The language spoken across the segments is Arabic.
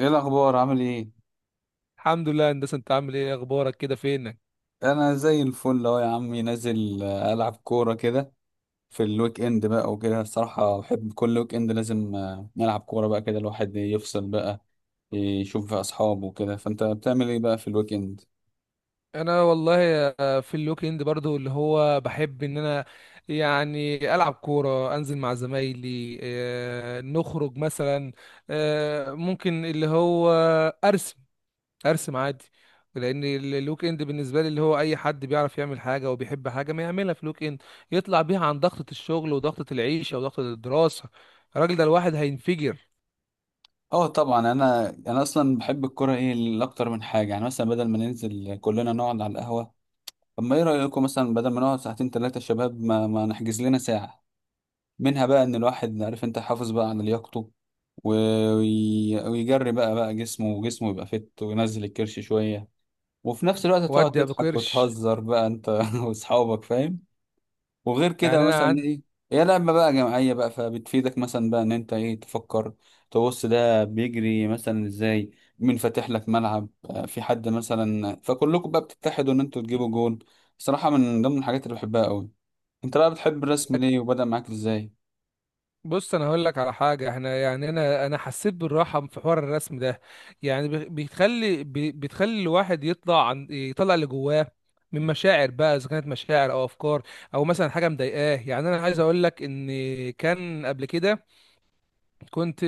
ايه الاخبار، عامل ايه؟ الحمد لله يا هندسه. انت عامل ايه؟ اخبارك كده، فينك؟ انا زي الفل اهو يا عمي، نازل العب كوره كده في الويك اند بقى وكده. الصراحه بحب كل ويك اند لازم نلعب كوره بقى كده، الواحد يفصل بقى، يشوف بقى اصحابه وكده. فانت بتعمل ايه بقى في الويك اند؟ انا والله، في الويك اند برضو اللي هو بحب ان انا يعني العب كوره، انزل مع زمايلي، نخرج مثلا، ممكن اللي هو ارسم. ارسم عادي. لان الويك اند بالنسبه لي، اللي هو اي حد بيعرف يعمل حاجه وبيحب حاجه ما يعملها في الويك اند، يطلع بيها عن ضغطه الشغل وضغطه العيشه وضغطه الدراسه. الراجل ده الواحد هينفجر. اه طبعا، انا اصلا بحب الكوره ايه لاكتر من حاجه، يعني مثلا بدل ما ننزل كلنا نقعد على القهوه، طب ما ايه رايكم مثلا؟ بدل ما نقعد ساعتين 3 شباب، ما نحجز لنا ساعه، منها بقى ان الواحد عارف انت حافظ بقى على لياقته، و- ويجري بقى جسمه، وجسمه يبقى فت وينزل الكرش شوية، وفي نفس الوقت تقعد وادي يا ابو تضحك قرش. وتهزر بقى انت واصحابك، فاهم؟ وغير يعني كده انا مثلا عندي. ايه، هي لعبة بقى جماعية بقى، فبتفيدك مثلا بقى ان انت ايه تفكر، تبص ده بيجري مثلا ازاي، مين فاتح لك ملعب، في حد مثلا، فكلكم بقى بتتحدوا ان انتوا تجيبوا جون. صراحة من ضمن الحاجات اللي بحبها قوي. انت بقى بتحب الرسم ليه وبدأ معاك ازاي؟ بص، انا هقول لك على حاجه. احنا يعني انا حسيت بالراحه في حوار الرسم ده. يعني بتخلي الواحد يطلع عن يطلع اللي جواه من مشاعر بقى، اذا كانت مشاعر او افكار، او مثلا حاجه مضايقاه. يعني انا عايز اقول لك ان كان قبل كده، كنت،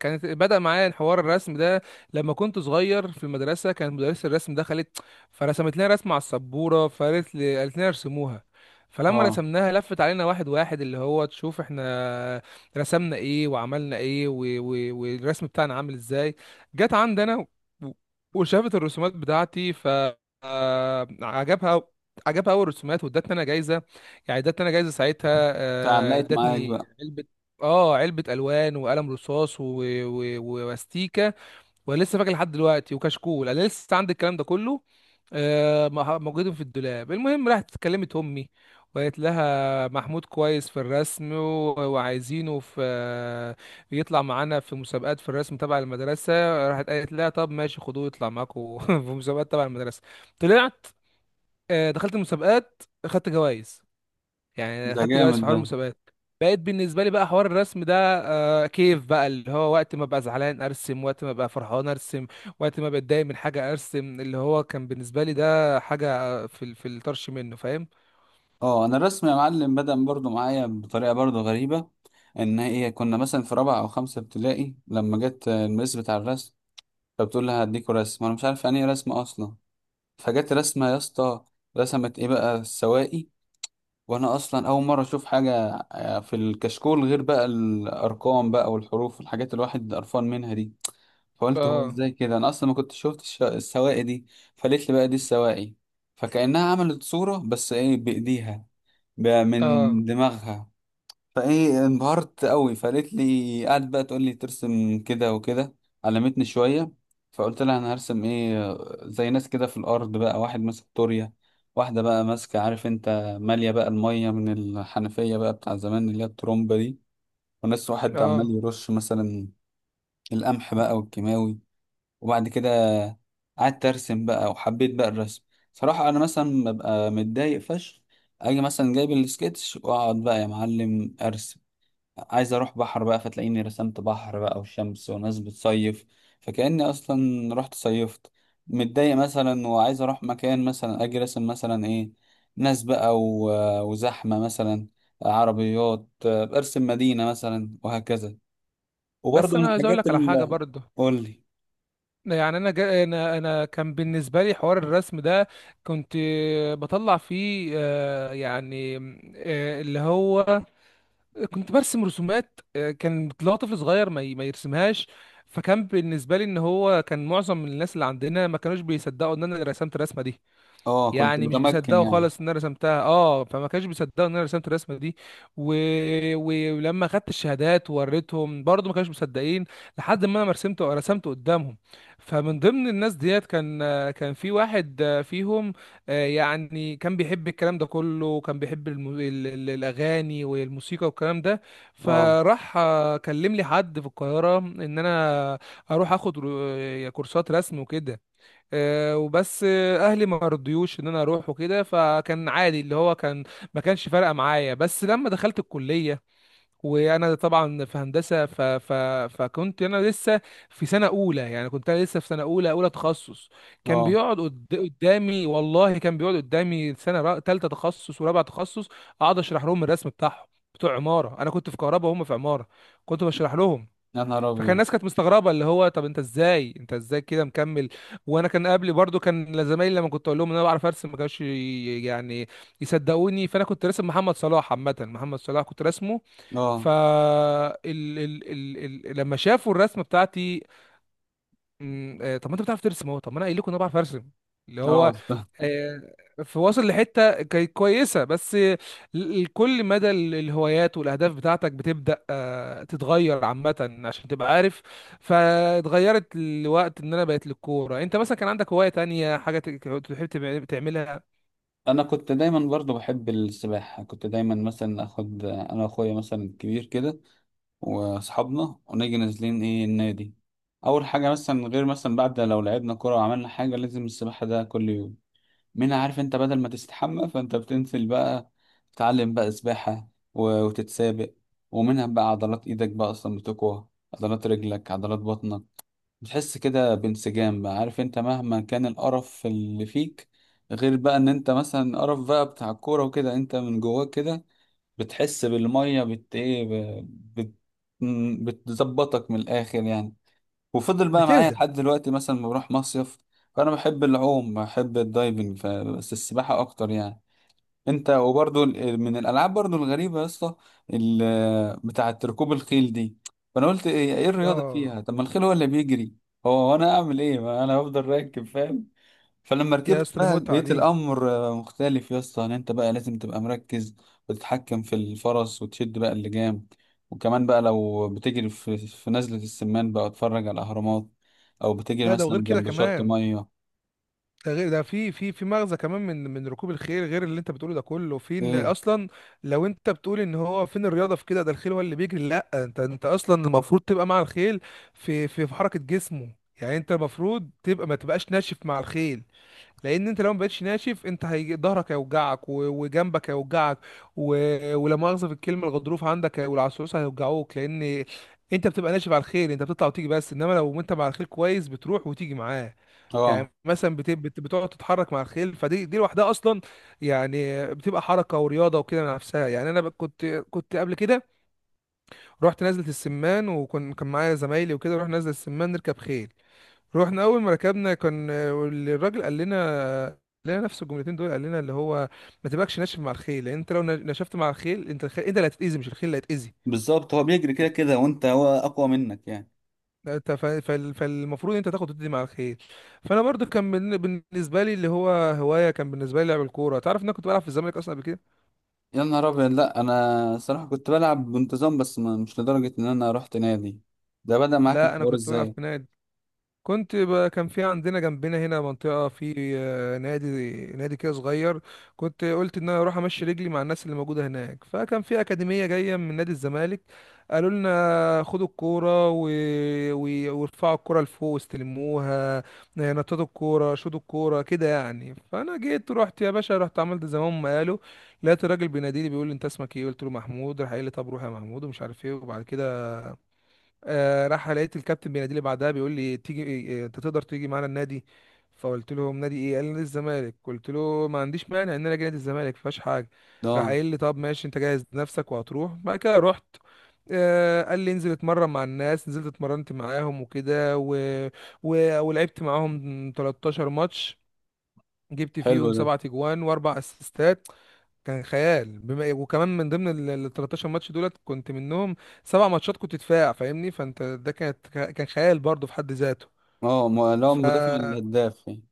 كانت بدأ معايا حوار الرسم ده لما كنت صغير في المدرسة. كانت مدرسة الرسم دخلت، فرسمت لنا رسمة على السبورة، فقالت لي، قالت لنا ارسموها. فلما اه، رسمناها لفت علينا واحد واحد، اللي هو تشوف احنا رسمنا ايه وعملنا ايه، والرسم بتاعنا عامل ازاي. جت عندنا و... وشافت الرسومات بتاعتي. ف آه، عجبها اول رسومات، وادتني انا جايزه. يعني ادتني انا جايزه ساعتها، فعلقت معاك ادتني بقى. علبه. اه علبة الوان وقلم رصاص واستيكة. وانا لسه فاكر لحد دلوقتي، وكشكول انا لسه عندي الكلام ده كله، موجودين في الدولاب. المهم، راحت كلمت امي، وقالت لها محمود كويس في الرسم، وعايزينه في، يطلع معانا في مسابقات في الرسم تبع المدرسة. راحت قالت لها طب ماشي، خدوه يطلع معاكم في مسابقات تبع المدرسة. طلعت، دخلت المسابقات، خدت جوائز. يعني ده خدت جوائز جامد في حوار ده. المسابقات. بقيت بالنسبه لي بقى حوار الرسم ده، كيف بقى، اللي هو وقت ما ابقى زعلان ارسم، وقت ما ابقى فرحان ارسم، وقت ما بتضايق من حاجه ارسم. اللي هو كان بالنسبه لي ده حاجه، في في الطرش منه، فاهم؟ اه، انا الرسم يا معلم بدأ برضو معايا بطريقه برضو غريبه، ان هي كنا مثلا في رابعه او خمسه ابتدائي، لما جت الميس بتاع الرسم فبتقول لها هديكوا رسم، وانا مش عارف يعني ايه رسم اصلا. فجت رسمه يا اسطى، رسمت ايه بقى؟ السواقي. وانا اصلا اول مره اشوف حاجه في الكشكول، غير بقى الارقام بقى والحروف والحاجات اللي الواحد قرفان منها دي. فقلت هو اه. ازاي كده؟ انا اصلا ما كنت شفت السواقي دي. فقالت لي بقى دي السواقي. فكأنها عملت صورة بس ايه، بإيديها، اه. من دماغها. فايه، انبهرت قوي، فقالت لي، قعدت بقى تقول لي ترسم كده وكده، علمتني شويه. فقلت لها انا هرسم ايه؟ زي ناس كده في الارض بقى، واحد ماسك طورية، واحده بقى ماسكه، عارف انت، ماليه بقى الميه من الحنفيه بقى بتاع زمان، اللي هي الترومبه دي. وناس، واحد عمال اه. يرش مثلا القمح بقى والكيماوي. وبعد كده قعدت ارسم بقى وحبيت بقى الرسم. صراحة انا مثلا ببقى متضايق فشخ، اجي مثلا جايب السكتش واقعد بقى يا معلم ارسم. عايز اروح بحر بقى، فتلاقيني رسمت بحر بقى وشمس وناس بتصيف، فكأني اصلا رحت صيفت. متضايق مثلا وعايز اروح مكان، مثلا اجي راسم مثلا ايه، ناس بقى وزحمة، مثلا عربيات، ارسم مدينة مثلا وهكذا. وبرضه بس من انا عايز اقول الحاجات لك على حاجه اللي... برضه. قول لي. يعني انا جا انا انا كان بالنسبه لي حوار الرسم ده. كنت بطلع فيه يعني، اللي هو كنت برسم رسومات، كان اللي هو طفل صغير ما يرسمهاش. فكان بالنسبه لي ان هو كان معظم الناس اللي عندنا ما كانوش بيصدقوا ان انا اللي رسمت الرسمه دي. اه، كنت يعني مش متمكن بيصدقوا يعني. خالص ان انا رسمتها. اه، فما كانش بيصدقوا ان انا رسمت الرسمه دي و... ولما خدت الشهادات ووريتهم برضو ما كانوش مصدقين، لحد ما انا رسمت قدامهم. فمن ضمن الناس ديت كان في واحد فيهم، يعني كان بيحب الكلام ده كله، وكان بيحب الاغاني والموسيقى والكلام ده. اه. فراح كلم لي حد في القاهره ان انا اروح اخد كورسات رسم وكده. آه، وبس آه، اهلي ما رضيوش ان انا اروح وكده، فكان عادي اللي هو كان. ما كانش فارقه معايا. بس لما دخلت الكليه، وانا طبعا في هندسه، فكنت انا لسه في سنه اولى. يعني كنت انا لسه في سنه اولى تخصص. كان اه، بيقعد قدامي. والله كان بيقعد قدامي سنه تالته تخصص ورابعه تخصص. اقعد اشرح لهم الرسم بتاعهم بتوع عماره. انا كنت في كهرباء وهم في عماره، كنت بشرح لهم. يا نهار فكان ابيض. الناس كانت مستغربه، اللي هو طب انت ازاي كده مكمل. وانا كان قبلي برضو كان زمايلي، لما كنت اقول لهم ان انا بعرف ارسم ما كانوش يعني يصدقوني. فانا كنت راسم محمد صلاح، عامه محمد صلاح كنت راسمه. اه. ف ال... ال... ال... ال... لما شافوا الرسمه بتاعتي، طب ما انت بتعرف ترسم اهو. طب ما انا قايل لكم ان انا بعرف ارسم. اللي اه. هو، أصلاً. آه، فواصل لحته كانت كويسه. بس كل مدى الهوايات والاهداف بتاعتك بتبدا تتغير عامه عشان تبقى عارف. فاتغيرت الوقت ان انا بقيت للكوره. انت مثلا كان عندك هوايه تانية، حاجه تحب تعملها؟ انا كنت دايما برضو بحب السباحه. كنت دايما مثلا اخد انا واخويا مثلا الكبير كده واصحابنا ونيجي نازلين ايه النادي، اول حاجه مثلا، غير مثلا بعد لو لعبنا كوره وعملنا حاجه لازم السباحه، ده كل يوم، منها عارف انت بدل ما تستحمى فانت بتنزل بقى تتعلم بقى سباحه وتتسابق، ومنها بقى عضلات ايدك بقى اصلا بتقوى، عضلات رجلك، عضلات بطنك، بتحس كده بانسجام بقى، عارف انت، مهما كان القرف اللي فيك، غير بقى ان انت مثلا قرف بقى بتاع الكورة وكده، انت من جواك كده بتحس بالمية، بت ايه ب- بت م- بتظبطك من الاخر يعني. وفضل بقى معايا بتهدى. لحد دلوقتي مثلا، ما بروح مصيف. فانا بحب العوم، بحب الدايفنج، بس السباحة اكتر يعني. انت وبرضو من الالعاب برضو الغريبه يا اسطى، بتاعه ركوب الخيل دي، فانا قلت ايه الرياضه اه. فيها؟ طب ما الخيل هو اللي بيجري، هو وانا اعمل ايه؟ ما انا هفضل راكب، فاهم؟ فلما يا ركبت اسطى، دي بقى متعه لقيت دي. الامر مختلف يا اسطى، ان انت بقى لازم تبقى مركز وتتحكم في الفرس وتشد بقى اللجام، وكمان بقى لو بتجري في نزله السمان بقى اتفرج على الاهرامات، او بتجري لا، ده مثلا وغير كده جنب شط كمان. ميه. ده غير ده، في مغزى كمان من ركوب الخيل غير اللي انت بتقوله ده كله، في ان ايه. اصلا لو انت بتقول ان هو فين الرياضه في كده، ده الخيل هو اللي بيجري. لا، انت اصلا المفروض تبقى مع الخيل في حركه جسمه. يعني انت المفروض تبقى، ما تبقاش ناشف مع الخيل. لان انت لو ما بقتش ناشف، انت هي ظهرك هيوجعك، وجنبك هيوجعك، ولا مؤاخذه في الكلمه، الغضروف عندك، والعصعوصه هيوجعوك. لان انت بتبقى ناشف على الخيل، انت بتطلع وتيجي بس. انما لو انت مع الخيل كويس، بتروح وتيجي معاه. اه يعني مثلا بتقعد تتحرك مع الخيل. فدي لوحدها اصلا يعني بتبقى حركه ورياضه وكده نفسها. يعني انا كنت، كنت قبل كده، رحت نزله السمان. وكان معايا زمايلي وكده، رحنا نزله السمان نركب خيل. رحنا اول ما ركبنا، كان الراجل قال لنا، قال لنا نفس الجملتين دول. قال لنا اللي هو ما تبقاش ناشف مع الخيل، لان انت لو نشفت مع الخيل انت، الخيل انت اللي هتتاذي مش الخيل اللي هيتاذي. بالظبط، هو بيجري كده كده وانت، هو اقوى منك يعني. انت فالمفروض انت تاخد وتدي مع الخير. فانا برضو كان بالنسبه لي اللي هو هوايه، كان بالنسبه لي لعب الكوره. تعرف ان انا كنت بلعب في الزمالك اصلا قبل كده. يا نهار ابيض. لا انا صراحه كنت بلعب بانتظام، بس ما مش لدرجه ان انا رحت نادي. ده بدأ معاك لا، انا الحوار كنت بلعب ازاي؟ في نادي. كنت كان في عندنا جنبنا هنا منطقة في، نادي. نادي كده صغير، كنت قلت ان انا اروح امشي رجلي مع الناس اللي موجودة هناك. فكان في أكاديمية جاية من نادي الزمالك. قالوا لنا خدوا الكورة وارفعوا الكورة لفوق واستلموها. نططوا الكورة، شوطوا الكورة كده يعني. فانا جيت، رحت يا باشا، رحت عملت زي ما هم قالوا. لقيت الراجل بيناديلي، بيقول لي انت اسمك ايه؟ قلت له محمود. راح قال لي طب روح يا محمود ومش عارف ايه. وبعد كده راح لقيت الكابتن بيناديلي بعدها، بيقول لي تيجي آه، انت تقدر تيجي معانا النادي؟ فقلت له نادي ايه؟ قال لي نادي الزمالك. قلت له ما عنديش مانع ان انا اجي نادي الزمالك، مفيهاش حاجه. راح اه. قايل لي طب ماشي، انت جاهز نفسك وهتروح. بعد كده رحت، قال لي انزل اتمرن مع الناس. نزلت اتمرنت معاهم وكده، ولعبت معاهم 13 ماتش. جبت حلو فيهم ده. سبعة اجوان واربع اسيستات. كان خيال، بما إيه، وكمان من ضمن ال 13 ماتش دولت كنت منهم سبع ماتشات كنت دفاع، فاهمني؟ فانت ده، كان خيال برضه في حد ذاته. اه، اللي هو ف المدافع الهداف يعني.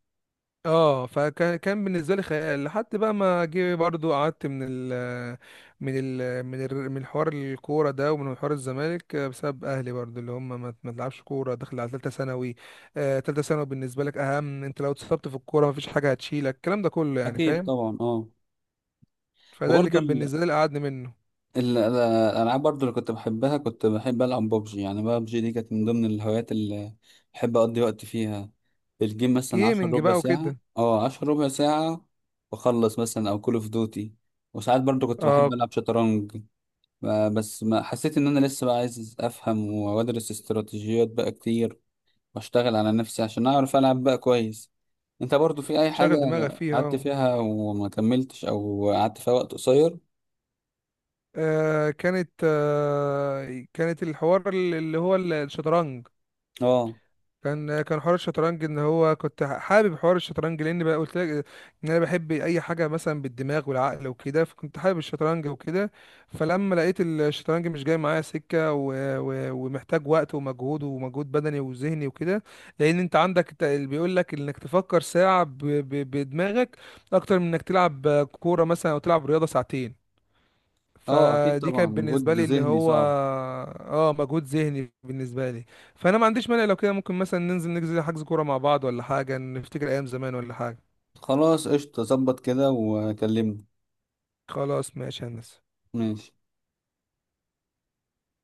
اه فكان، كان بالنسبه لي خيال لحد بقى ما جه برضه. قعدت من حوار الكوره ده ومن حوار الزمالك بسبب اهلي برضه، اللي هم ما تلعبش كوره داخل على ثالثه ثانوي. ثالثه ثانوي بالنسبه لك اهم. انت لو اتصبت في الكوره مفيش حاجه هتشيلك، الكلام ده كله يعني اكيد فاهم. طبعا، اه. فده اللي وبرضو كان بالنسبه لي اللي قعدني منه. الالعاب برضو اللي كنت بحبها، كنت بحب العب ببجي، يعني ببجي دي كانت من ضمن الهوايات اللي بحب اقضي وقت فيها. الجيم مثلا عشر جيمنج ربع بقى ساعه، وكده. اه عشر ربع ساعه، واخلص، مثلا او كول اوف دوتي. وساعات برضو كنت بحب اه. العب شطرنج، بس ما حسيت ان انا لسه بقى عايز افهم وادرس استراتيجيات بقى كتير، واشتغل على نفسي عشان اعرف العب بقى كويس. انت برضو في اي حاجة شغل دماغك فيها. قعدت اه، فيها وما كملتش، او قعدت فيها وقت قصير؟ كانت، كانت الحوار اللي هو الشطرنج. اه. كان حوار الشطرنج ان هو كنت حابب حوار الشطرنج، لان بقى قلت لك ان انا بحب اي حاجه مثلا بالدماغ والعقل وكده، فكنت حابب الشطرنج وكده. فلما لقيت الشطرنج مش جاي معايا سكه، ومحتاج وقت ومجهود، ومجهود بدني وذهني وكده. لان انت عندك اللي بيقول لك انك تفكر ساعه بدماغك اكتر من انك تلعب كوره مثلا او تلعب رياضه ساعتين. اه، اكيد فدي طبعا، كانت بالنسبة مجهود لي اللي ذهني هو، صعب. اه، مجهود ذهني بالنسبة لي. فأنا ما عنديش مانع لو كده. ممكن مثلا ننزل نجزي حجز كورة مع بعض، ولا حاجة، نفتكر أيام زمان ولا حاجة. خلاص قشطة، ظبط كده وكلمني. خلاص ماشي يا هندسة. ماشي.